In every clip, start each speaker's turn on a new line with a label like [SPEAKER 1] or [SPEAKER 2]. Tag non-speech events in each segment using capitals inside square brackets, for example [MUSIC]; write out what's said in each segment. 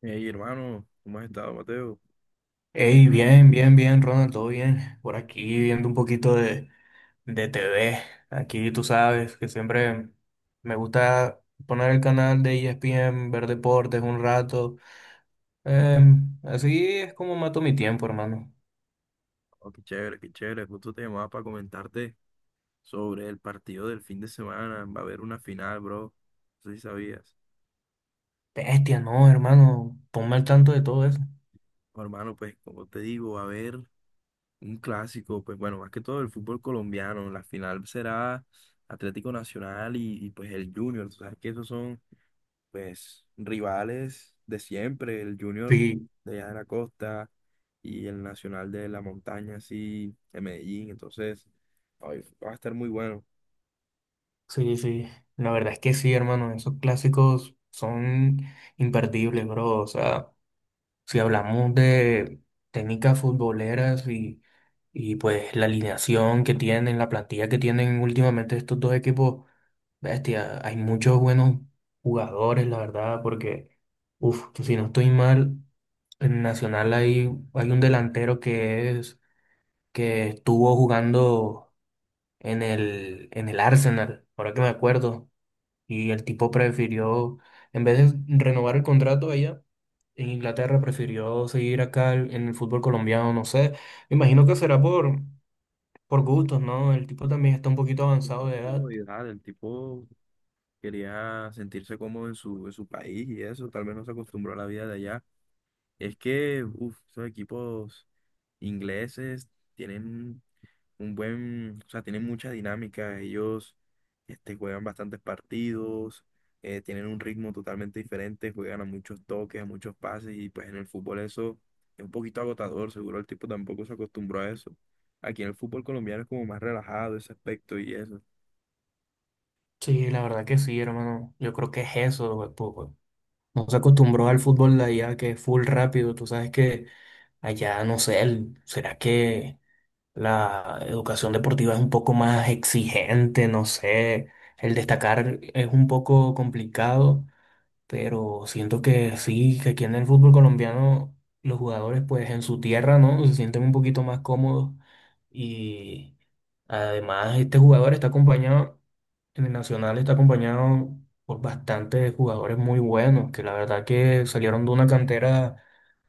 [SPEAKER 1] Hey, hermano, ¿cómo has estado, Mateo?
[SPEAKER 2] Hey, bien, bien, bien, Ronald, todo bien. Por aquí viendo un poquito de TV. Aquí tú sabes que siempre me gusta poner el canal de ESPN, ver deportes un rato. Así es como mato mi tiempo, hermano.
[SPEAKER 1] Oh, qué chévere, qué chévere. Justo te llamaba para comentarte sobre el partido del fin de semana. Va a haber una final, bro. No sé si sabías.
[SPEAKER 2] Bestia, no, hermano, ponme al tanto de todo eso.
[SPEAKER 1] Oh, hermano, pues, como te digo, va a haber un clásico, pues, bueno, más que todo el fútbol colombiano. La final será Atlético Nacional pues, el Junior. Tú sabes que esos son pues rivales de siempre, el Junior
[SPEAKER 2] Sí,
[SPEAKER 1] de allá de la costa y el Nacional de la Montaña, así, de Medellín, entonces ay, va a estar muy bueno.
[SPEAKER 2] sí, sí. La verdad es que sí, hermano, esos clásicos son imperdibles, bro. O sea, si hablamos de técnicas futboleras y pues la alineación que tienen, la plantilla que tienen últimamente estos dos equipos, bestia, hay muchos buenos jugadores, la verdad, porque, uff, si no estoy mal, en Nacional hay un delantero que estuvo jugando en el Arsenal, ahora que me acuerdo. Y el tipo prefirió, en vez de renovar el contrato allá en Inglaterra, prefirió seguir acá en el fútbol colombiano, no sé. Me imagino que será por gustos, ¿no? El tipo también está un poquito
[SPEAKER 1] De
[SPEAKER 2] avanzado de
[SPEAKER 1] pronto
[SPEAKER 2] edad.
[SPEAKER 1] comodidad, el tipo quería sentirse cómodo en en su país y eso, tal vez no se acostumbró a la vida de allá. Es que, uff, esos equipos ingleses tienen un buen, o sea, tienen mucha dinámica, ellos este, juegan bastantes partidos, tienen un ritmo totalmente diferente, juegan a muchos toques, a muchos pases y pues en el fútbol eso es un poquito agotador, seguro el tipo tampoco se acostumbró a eso. Aquí en el fútbol colombiano es como más relajado ese aspecto y eso.
[SPEAKER 2] Sí, la verdad que sí, hermano. Yo creo que es eso, güey, po- po. No se acostumbró al fútbol de allá, que es full rápido. Tú sabes que allá, no sé, será que la educación deportiva es un poco más exigente, no sé. El destacar es un poco complicado, pero siento que sí, que aquí en el fútbol colombiano los jugadores pues en su tierra, ¿no? Se sienten un poquito más cómodos y además este jugador está acompañado, en el Nacional está acompañado por bastantes jugadores muy buenos, que la verdad que salieron de una cantera,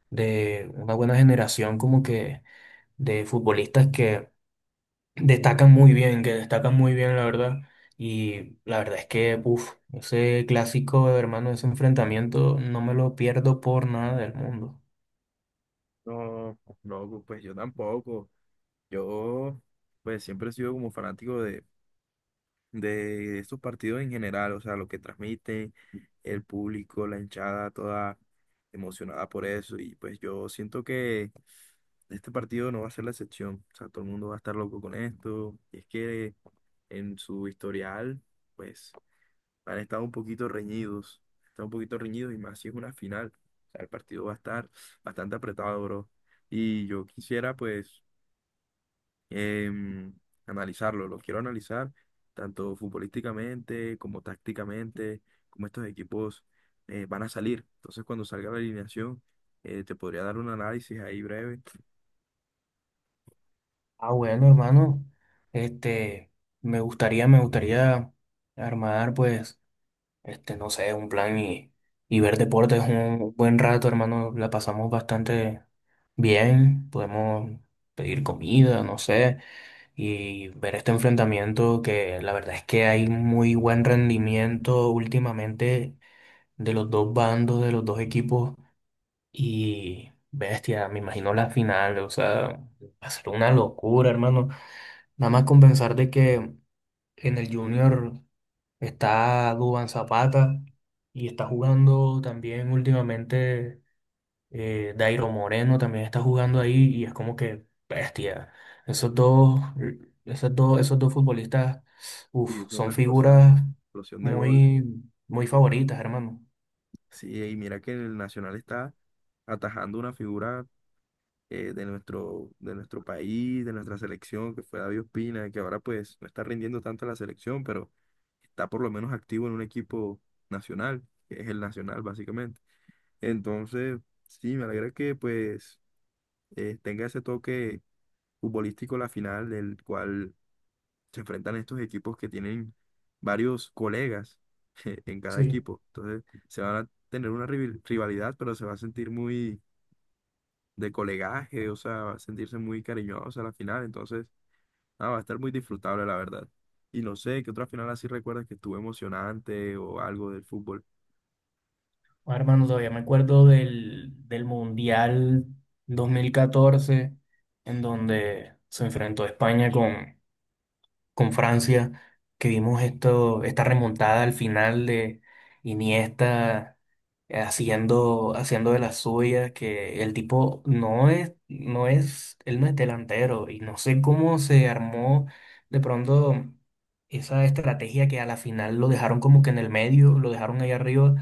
[SPEAKER 2] de una buena generación como que de futbolistas que destacan muy bien, que destacan muy bien, la verdad. Y la verdad es que, uff, ese clásico, hermano, ese enfrentamiento, no me lo pierdo por nada del mundo.
[SPEAKER 1] No, no, pues yo tampoco. Yo pues siempre he sido como fanático de estos partidos en general, o sea, lo que transmiten, el público, la hinchada, toda emocionada por eso. Y pues yo siento que este partido no va a ser la excepción. O sea, todo el mundo va a estar loco con esto. Y es que en su historial, pues han estado un poquito reñidos. Están un poquito reñidos y más si es una final. O sea, el partido va a estar bastante apretado, bro. Y yo quisiera, pues em, analizarlo, lo quiero analizar tanto futbolísticamente como tácticamente, como estos equipos van a salir. Entonces, cuando salga la alineación, te podría dar un análisis ahí breve.
[SPEAKER 2] Ah, bueno, hermano, este, me gustaría armar, pues, este, no sé, un plan y ver deportes un buen rato, hermano. La pasamos bastante bien, podemos pedir comida, no sé, y ver este enfrentamiento, que la verdad es que hay muy buen rendimiento últimamente de los dos bandos, de los dos equipos, y bestia, me imagino la final, o sea, va a ser una locura, hermano. Nada más con pensar de que en el Junior está Dubán Zapata y está jugando también últimamente, Dairo Moreno también está jugando ahí y es como que bestia. Esos dos, Esos dos futbolistas,
[SPEAKER 1] Y
[SPEAKER 2] uf,
[SPEAKER 1] es una
[SPEAKER 2] son
[SPEAKER 1] explosión,
[SPEAKER 2] figuras
[SPEAKER 1] explosión de gol.
[SPEAKER 2] muy, muy favoritas, hermano.
[SPEAKER 1] Sí, y mira que el Nacional está atajando una figura de de nuestro país, de nuestra selección, que fue David Ospina, que ahora pues no está rindiendo tanto en la selección, pero está por lo menos activo en un equipo nacional, que es el Nacional básicamente. Entonces, sí, me alegra que pues tenga ese toque futbolístico la final, del cual se enfrentan estos equipos que tienen varios colegas [LAUGHS] en cada
[SPEAKER 2] Sí.
[SPEAKER 1] equipo. Entonces, se van a tener una rivalidad, pero se va a sentir muy de colegaje, o sea, sentirse muy cariñosos a la final, entonces, nada, va a estar muy disfrutable, la verdad. Y no sé, ¿qué otra final así recuerdas que estuvo emocionante o algo del fútbol?
[SPEAKER 2] Ah, hermano, todavía me acuerdo del Mundial 2014, en donde se enfrentó España con Francia, que vimos esto, esta remontada al final de Iniesta, haciendo de las suyas, que el tipo él no es delantero y no sé cómo se armó de pronto esa estrategia, que a la final lo dejaron como que en el medio, lo dejaron ahí arriba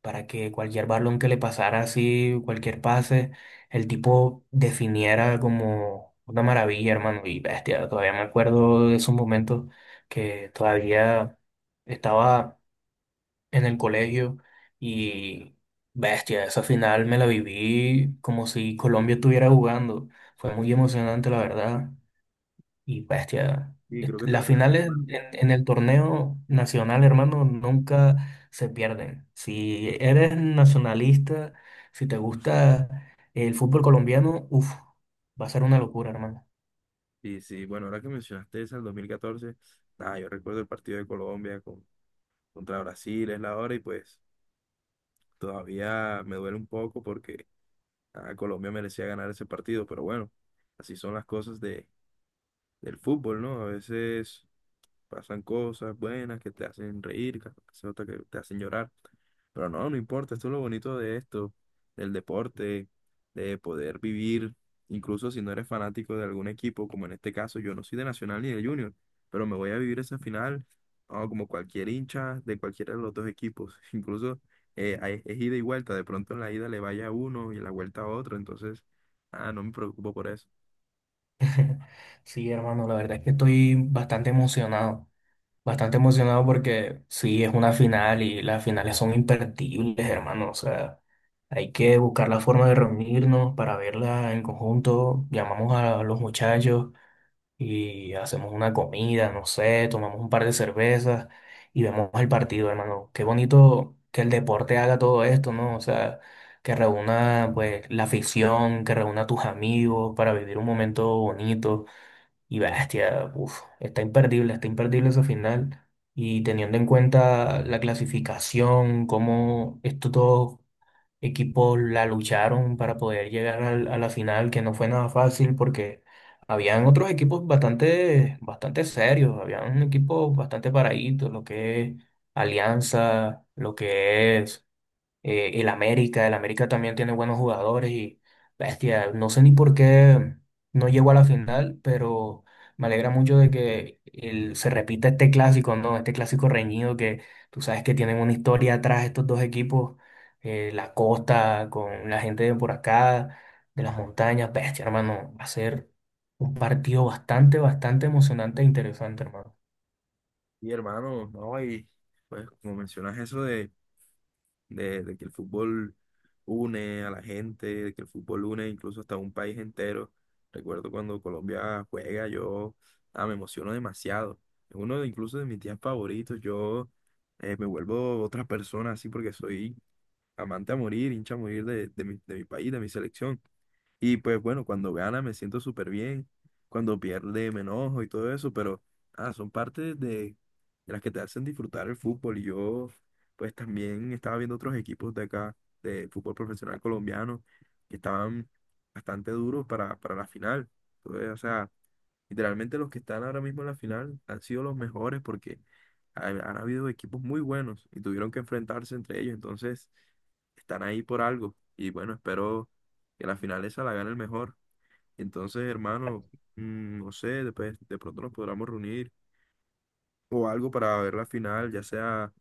[SPEAKER 2] para que cualquier balón que le pasara así, cualquier pase, el tipo definiera como una maravilla, hermano, y bestia. Todavía me acuerdo de esos momentos, que todavía estaba en el colegio y bestia, esa final me la viví como si Colombia estuviera jugando. Fue muy emocionante, la verdad. Y bestia,
[SPEAKER 1] Y creo que
[SPEAKER 2] las
[SPEAKER 1] también la
[SPEAKER 2] finales
[SPEAKER 1] recuerdo.
[SPEAKER 2] en el torneo nacional, hermano, nunca se pierden. Si eres nacionalista, si te gusta el fútbol colombiano, uff, va a ser una locura, hermano.
[SPEAKER 1] Y sí, bueno, ahora que mencionaste esa, el 2014, nada, yo recuerdo el partido de Colombia contra Brasil, es la hora, y pues todavía me duele un poco porque ah, Colombia merecía ganar ese partido, pero bueno, así son las cosas del fútbol, ¿no? A veces pasan cosas buenas que te hacen reír, que pasan otras que te hacen llorar. Pero no, no importa, esto es lo bonito de esto, del deporte, de poder vivir, incluso si no eres fanático de algún equipo, como en este caso, yo no soy de Nacional ni de Junior, pero me voy a vivir esa final, ah, como cualquier hincha de cualquiera de los dos equipos. [LAUGHS] Incluso es ida y vuelta, de pronto en la ida le vaya a uno y en la vuelta a otro, entonces, ah, no me preocupo por eso.
[SPEAKER 2] Sí, hermano, la verdad es que estoy bastante emocionado. Bastante emocionado porque sí, es una final y las finales son imperdibles, hermano. O sea, hay que buscar la forma de reunirnos para verla en conjunto. Llamamos a los muchachos y hacemos una comida, no sé, tomamos un par de cervezas y vemos el partido, hermano. Qué bonito que el deporte haga todo esto, ¿no? O sea, que reúna pues la afición, que reúna a tus amigos para vivir un momento bonito y bestia, uf, está imperdible ese final. Y teniendo en cuenta la clasificación, cómo esto todo equipos la lucharon para poder llegar a la final, que no fue nada fácil porque habían otros equipos bastante, bastante serios, habían equipos bastante paraditos, lo que es Alianza, lo que es y el América también tiene buenos jugadores y bestia, no sé ni por qué no llegó a la final, pero me alegra mucho de que se repita este clásico, ¿no? Este clásico reñido, que tú sabes que tienen una historia atrás estos dos equipos, la costa con la gente de por acá, de las montañas, bestia, hermano, va a ser un partido bastante, bastante emocionante e interesante, hermano.
[SPEAKER 1] Y hermano, no, y pues como mencionas eso de de que el fútbol une a la gente, de que el fútbol une incluso hasta un país entero. Recuerdo cuando Colombia juega, yo ah, me emociono demasiado. Es uno de, incluso de mis días favoritos. Yo me vuelvo otra persona así porque soy amante a morir, hincha a morir de mi país, de mi selección. Y pues bueno, cuando gana me siento súper bien, cuando pierde me enojo y todo eso, pero ah, son partes de las que te hacen disfrutar el fútbol. Y yo pues también estaba viendo otros equipos de acá, de fútbol profesional colombiano, que estaban bastante duros para la final. Entonces, o sea, literalmente los que están ahora mismo en la final han sido los mejores porque habido equipos muy buenos y tuvieron que enfrentarse entre ellos. Entonces, están ahí por algo. Y bueno, espero que la final esa la gane el mejor. Entonces, hermano, mm, no sé, después de pronto nos podremos reunir o algo para ver la final, ya sea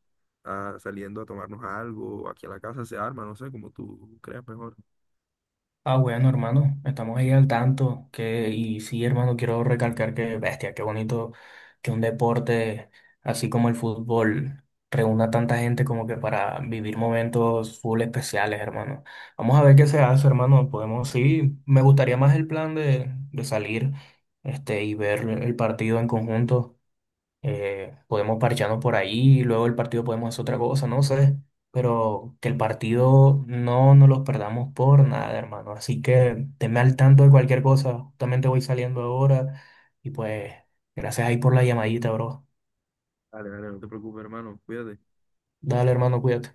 [SPEAKER 1] ah, saliendo a tomarnos algo, o aquí a la casa se arma, no sé, como tú creas mejor.
[SPEAKER 2] Ah, bueno, hermano, estamos ahí al tanto. Que, y sí, hermano, quiero recalcar que, bestia, qué bonito que un deporte así como el fútbol reúna tanta gente como que para vivir momentos full especiales, hermano. Vamos a ver qué se hace, hermano. Podemos, sí, me gustaría más el plan de salir este, y ver el partido en conjunto, podemos parcharnos por ahí, luego el partido podemos hacer otra cosa, no sé, pero que el partido no nos los perdamos por nada, hermano. Así que tenme al tanto de cualquier cosa, justamente voy saliendo ahora y pues gracias ahí por la llamadita, bro.
[SPEAKER 1] Dale, dale, no te preocupes, hermano, cuídate.
[SPEAKER 2] Dale, hermano, cuídate.